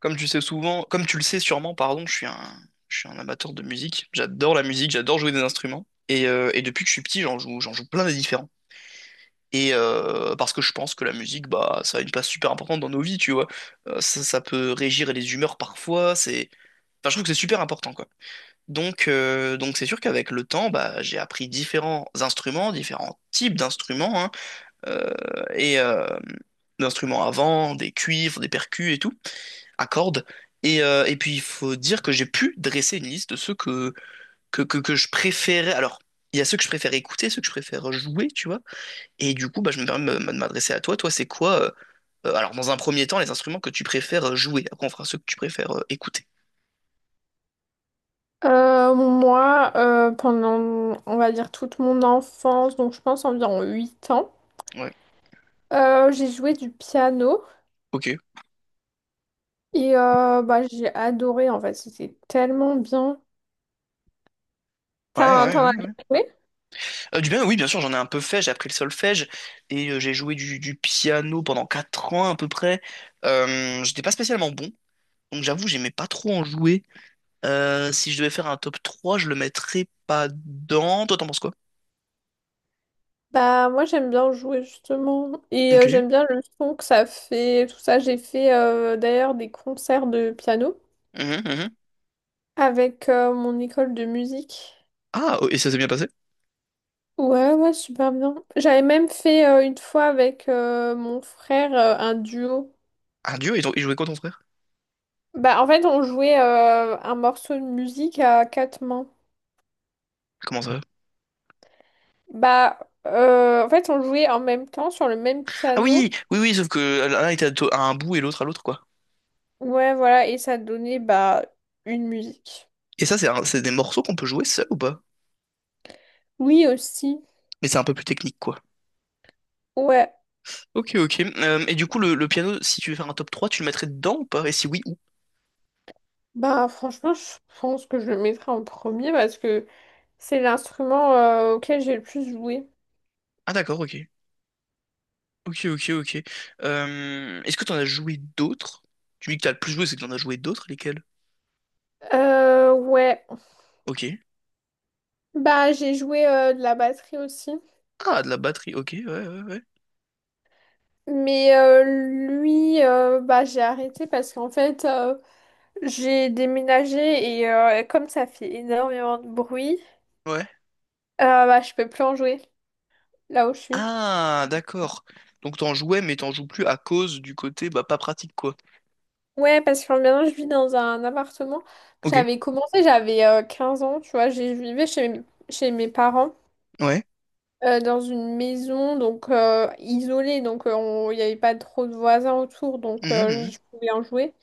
Comme tu sais souvent, comme tu le sais sûrement, pardon, je suis un amateur de musique. J'adore la musique, j'adore jouer des instruments. Et depuis que je suis petit, j'en joue plein de différents. Et parce que je pense que la musique, bah, ça a une place super importante dans nos vies, tu vois. Ça peut régir les humeurs parfois. C'est, enfin, je trouve que c'est super important, quoi. Donc c'est sûr qu'avec le temps, bah, j'ai appris différents instruments, différents types d'instruments, hein, euh, et euh, d'instruments à vent, des cuivres, des percus et tout à cordes. Et puis, il faut dire que j'ai pu dresser une liste de ceux que je préférais. Alors, il y a ceux que je préfère écouter, ceux que je préfère jouer, tu vois. Et du coup, bah, je me permets de m'adresser à toi. Toi, c'est quoi, alors, dans un premier temps, les instruments que tu préfères jouer. Après, on fera ceux que tu préfères écouter. Moi, pendant, on va dire, toute mon enfance, donc je pense environ 8 ans, Ouais. J'ai joué du piano Ok. et bah, j'ai adoré en fait, c'était tellement bien. Ouais, T'en, ouais, t'en ouais, as bien ouais. joué? Du bien, oui, bien sûr, j'en ai un peu fait. J'ai appris le solfège et j'ai joué du piano pendant 4 ans à peu près. J'étais pas spécialement bon, donc j'avoue, j'aimais pas trop en jouer. Si je devais faire un top 3, je le mettrais pas dans. Toi, t'en penses quoi? Bah, moi, j'aime bien jouer justement et Ok. J'aime bien le son que ça fait, tout ça. J'ai fait d'ailleurs des concerts de piano Mhm, mhm. avec mon école de musique. Ah, oh, et ça s'est bien passé? Ouais, ouais, super bien. J'avais même fait une fois avec mon frère un duo. Ah, Dieu, ils jouaient quoi ton frère? Bah, en fait, on jouait un morceau de musique à quatre mains. Comment ça va? Bah, en fait, on jouait en même temps sur le même Ah piano. oui, oui, oui, sauf que l'un était à un bout et l'autre à l'autre, quoi. Ouais, voilà, et ça donnait bah une musique. Et ça, c'est des morceaux qu'on peut jouer seul ou pas? Oui, aussi. Mais c'est un peu plus technique, quoi. Ouais. Ok, ok. Et du coup, le piano, si tu veux faire un top 3, tu le mettrais dedans ou pas? Et si oui, où? Bah, franchement, je pense que je le mettrai en premier parce que c'est l'instrument auquel j'ai le plus joué. Ah, d'accord, ok. Ok, ok, ok. Est-ce que t'en as joué d'autres? Tu me dis que t'as le plus joué, c'est que t'en as joué d'autres, lesquels? Ouais. Ok. Bah, j'ai joué de la batterie aussi. Ah, de la batterie, ok, ouais, ouais, ouais. Mais bah, j'ai arrêté parce qu'en fait. J'ai déménagé et comme ça fait énormément de bruit, Ouais. Bah, je peux plus en jouer là où je suis. Ah, d'accord. Donc t'en jouais, mais t'en joues plus à cause du côté bah pas pratique quoi. Ouais, parce que maintenant je vis dans un appartement que Ok. j'avais commencé, j'avais 15 ans, tu vois, je vivais chez, chez mes parents Ouais. Dans une maison donc isolée, donc il n'y avait pas trop de voisins autour, donc Mhm, mhm. je pouvais en jouer.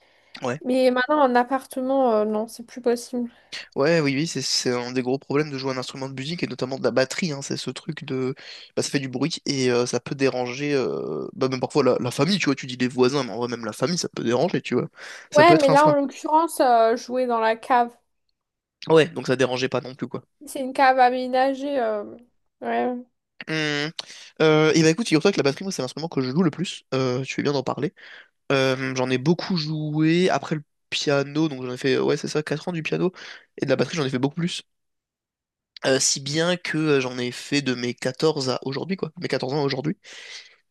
Ouais. Mais maintenant en appartement, non, c'est plus possible. Ouais, oui, oui, c'est un des gros problèmes de jouer un instrument de musique et notamment de la batterie, hein. C'est ce truc de, bah ça fait du bruit et ça peut déranger, bah même parfois la famille, tu vois. Tu dis les voisins, mais en vrai même la famille, ça peut déranger, tu vois. Ça peut Ouais, mais être un là en frein. l'occurrence, jouer dans la cave. Ouais, donc ça dérangeait pas non plus quoi. C'est une cave aménagée. Ouais. Hum. Et bah écoute, figure-toi que la batterie, moi, c'est l'instrument que je joue le plus. Tu fais bien d'en parler. J'en ai beaucoup joué après le piano, donc j'en ai fait, ouais, c'est ça, 4 ans du piano. Et de la batterie, j'en ai fait beaucoup plus. Si bien que j'en ai fait de mes 14 à aujourd'hui, quoi. Mes 14 ans à aujourd'hui.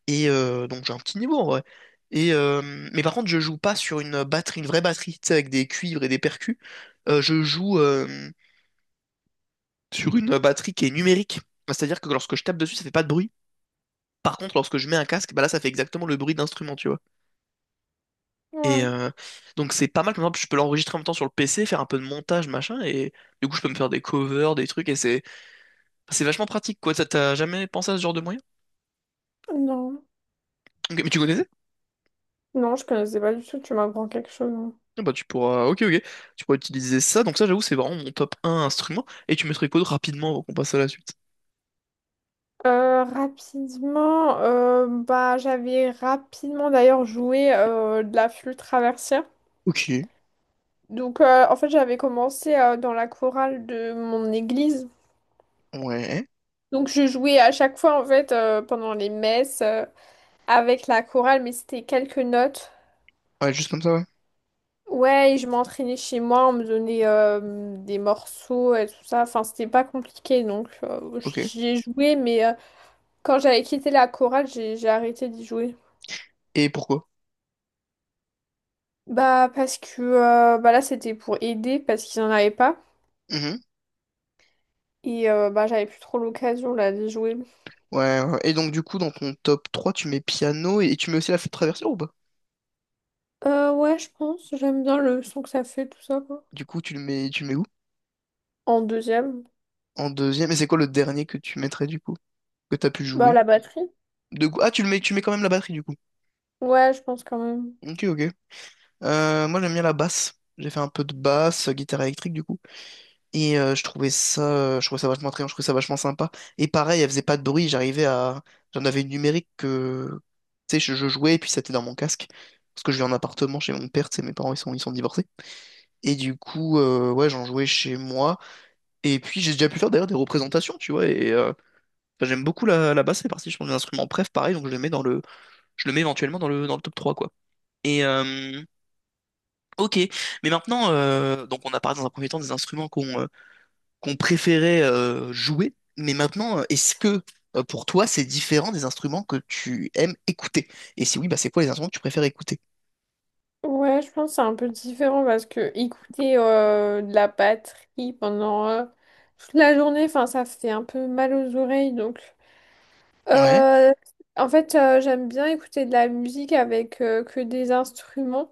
Et donc j'ai un petit niveau en vrai. Et, euh, mais par contre, je joue pas sur une batterie, une vraie batterie, tu sais, avec des cuivres et des percus. Je joue sur une batterie qui est numérique. C'est-à-dire que lorsque je tape dessus, ça fait pas de bruit. Par contre, lorsque je mets un casque, bah là, ça fait exactement le bruit d'instrument, tu vois. Et Ouais. Donc c'est pas mal, comme exemple, je peux l'enregistrer en même temps sur le PC, faire un peu de montage, machin, et du coup je peux me faire des covers, des trucs, et c'est vachement pratique, quoi. T'as jamais pensé à ce genre de moyen? Non, Ok, mais tu connaissais? non, je connaissais pas du tout, tu m'apprends quelque chose. Hein. Ah bah tu pourras, ok, ok, tu pourras utiliser ça, donc ça j'avoue c'est vraiment mon top un instrument, et tu mettrais quoi de rapidement avant qu'on passe à la suite? Rapidement, bah, j'avais rapidement d'ailleurs joué de la flûte traversière. Ok, Donc, en fait, j'avais commencé dans la chorale de mon église. ouais. Donc, je jouais à chaque fois, en fait, pendant les messes avec la chorale, mais c'était quelques notes. Ouais, juste comme ça, ouais. Ouais, et je m'entraînais chez moi, on me donnait des morceaux et tout ça. Enfin, c'était pas compliqué, donc Ok. j'y ai joué, mais... Quand j'avais quitté la chorale, j'ai arrêté d'y jouer. Et pourquoi? Bah parce que bah là c'était pour aider parce qu'ils en avaient pas Mhm. et bah j'avais plus trop l'occasion là d'y jouer. Ouais, ouais. Et donc, du coup, dans ton top 3 tu mets piano et tu mets aussi la flûte traversière ou pas? Ouais je pense, j'aime bien le son que ça fait tout ça quoi. Du coup, tu le mets où? En deuxième, En deuxième. Et c'est quoi le dernier que tu mettrais, du coup? Que t'as pu bah jouer? la batterie. De... go- Ah, tu mets quand même la batterie du coup. Ouais je pense quand même. Ok, ok. Moi j'aime bien la basse. J'ai fait un peu de basse, guitare électrique du coup. Et je trouvais ça vachement attrayant, je trouvais ça vachement sympa. Et pareil, elle faisait pas de bruit, j'arrivais à. J'en avais une numérique que. Tu sais, je jouais et puis c'était dans mon casque. Parce que je vis en appartement chez mon père, tu sais, mes parents ils sont divorcés. Et du coup, ouais, j'en jouais chez moi. Et puis j'ai déjà pu faire d'ailleurs des représentations, tu vois. Et enfin, j'aime beaucoup la basse, c'est parti, je pense, d'un instrument. Bref, pareil, donc je le mets dans le. Je le mets éventuellement dans le top 3 quoi. Et euh, ok, mais maintenant, donc on a parlé dans un premier temps des instruments qu'on préférait jouer, mais maintenant, est-ce que pour toi c'est différent des instruments que tu aimes écouter? Et si oui, bah c'est quoi les instruments que tu préfères écouter? Ouais je pense que c'est un peu différent parce que écouter de la batterie pendant toute la journée, enfin ça fait un peu mal aux oreilles donc. Ouais, Euh, En fait, j'aime bien écouter de la musique avec que des instruments.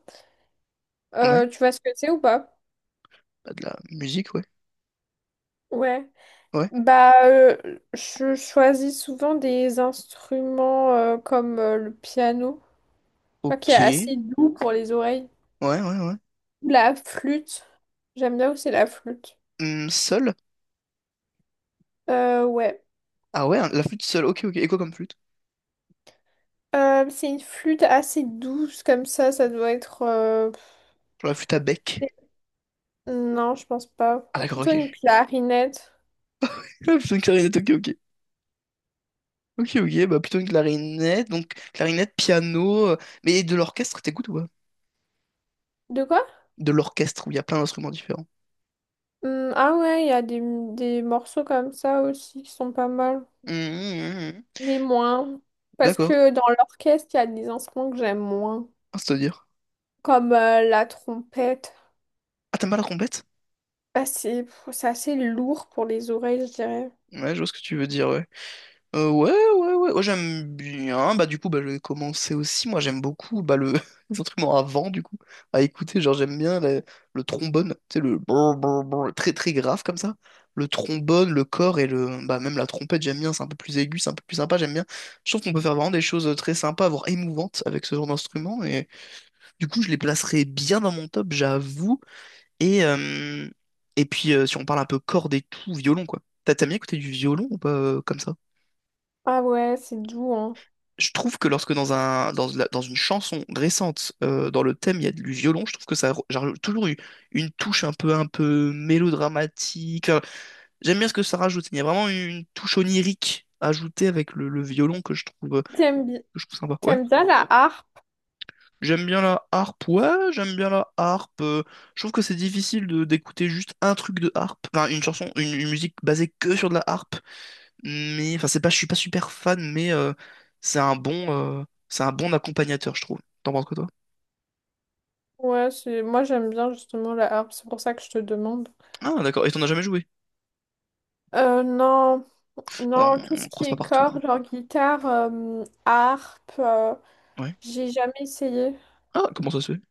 ouais, Tu vois ce que c'est ou pas? bah, de la musique, ouais, Ouais. ouais, Bah, je choisis souvent des instruments comme le piano, tu vois, qui ok, est ouais, assez doux pour les oreilles. ouais, ouais. La flûte. J'aime bien aussi la flûte. Seul? Ouais. Ah ouais, hein, la flûte seule, ok, ok. Et quoi comme flûte? C'est une flûte assez douce comme ça, ça doit être... Genre la flûte à bec. Non, je pense pas. Ah d'accord, Plutôt ok. une clarinette. Ah, plutôt une clarinette, ok, ok. Ok, ok, bah plutôt une clarinette, donc clarinette, piano, mais de l'orchestre, t'écoutes ou pas? De quoi? De l'orchestre, où il y a plein d'instruments différents. Ah ouais, il y a des morceaux comme ça aussi qui sont pas mal, Hum, hum, hum, hum. mais moins. Parce D'accord, que dans l'orchestre, il y a des instruments que j'aime moins, ah, c'est-à-dire. comme la trompette. Ah, t'aimes pas la trompette? Ah, c'est assez lourd pour les oreilles, je dirais. Ouais, je vois ce que tu veux dire, ouais. Ouais, j'aime bien. Bah, du coup, bah, je vais commencer aussi. Moi, j'aime beaucoup bah, le... les instruments à vent, du coup, à écouter. Genre, j'aime bien le trombone, tu sais, le brr, brr, brr, très très grave comme ça. Le trombone, le corps et le. Bah, même la trompette, j'aime bien. C'est un peu plus aigu, c'est un peu plus sympa, j'aime bien. Je trouve qu'on peut faire vraiment des choses très sympas, voire émouvantes avec ce genre d'instrument. Et du coup, je les placerai bien dans mon top, j'avoue. Et, euh, et puis, si on parle un peu cordes et tout, violon, quoi. T'as bien écouté du violon ou pas comme ça? Ah ouais, c'est doux, hein. Je trouve que lorsque dans un, dans une chanson récente, dans le thème, il y a du violon, je trouve que ça a j'ai toujours eu une touche un peu mélodramatique. Enfin, j'aime bien ce que ça rajoute. Il y a vraiment une touche onirique ajoutée avec le violon que je trouve, euh, T'aimes bi- que je trouve sympa. Ouais. T'aimes bien la harpe? J'aime bien la harpe. Ouais, j'aime bien la harpe. Je trouve que c'est difficile de d'écouter juste un truc de harpe. Enfin, une chanson, une musique basée que sur de la harpe mais enfin c'est pas, je suis pas super fan, mais c'est un bon, c'est un bon accompagnateur, je trouve. T'en penses quoi toi? Ouais, c'est moi j'aime bien justement la harpe, c'est pour ça que je te demande. Ah d'accord, et t'en as jamais joué? Euh, non, Bah, non, tout ce on qui croise pas est partout, hein. cordes, genre guitare, harpe, Ouais. j'ai jamais essayé. Ah comment ça se fait?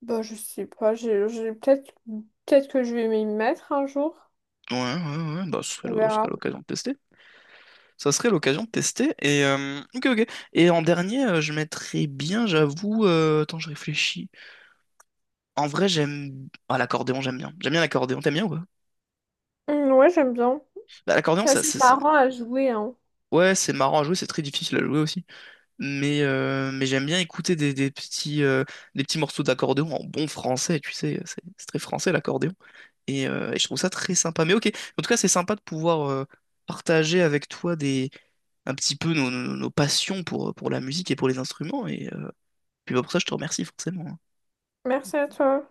Bah, je sais pas, peut-être, peut-être que je vais m'y mettre un jour. Ouais, ouais, ouais, bah On ce serait verra. l'occasion de tester. Ça serait l'occasion de tester, et ok, ok. Et en dernier, je mettrais bien, j'avoue, attends, je réfléchis. En vrai, j'aime... Ah, l'accordéon, j'aime bien. J'aime bien l'accordéon, t'aimes bien ou pas? Ouais, j'aime bien. Bah, l'accordéon, C'est ça, assez c'est- marrant à jouer, hein. Ouais, c'est marrant à jouer, c'est très difficile à jouer aussi. Mais j'aime bien écouter des petits morceaux d'accordéon en bon français, tu sais, c'est très français l'accordéon. Et je trouve ça très sympa. Mais ok, en tout cas, c'est sympa de pouvoir partager avec toi des, un petit peu nos passions pour la musique et pour les instruments. Et puis bah, pour ça, je te remercie forcément, hein. Merci à toi.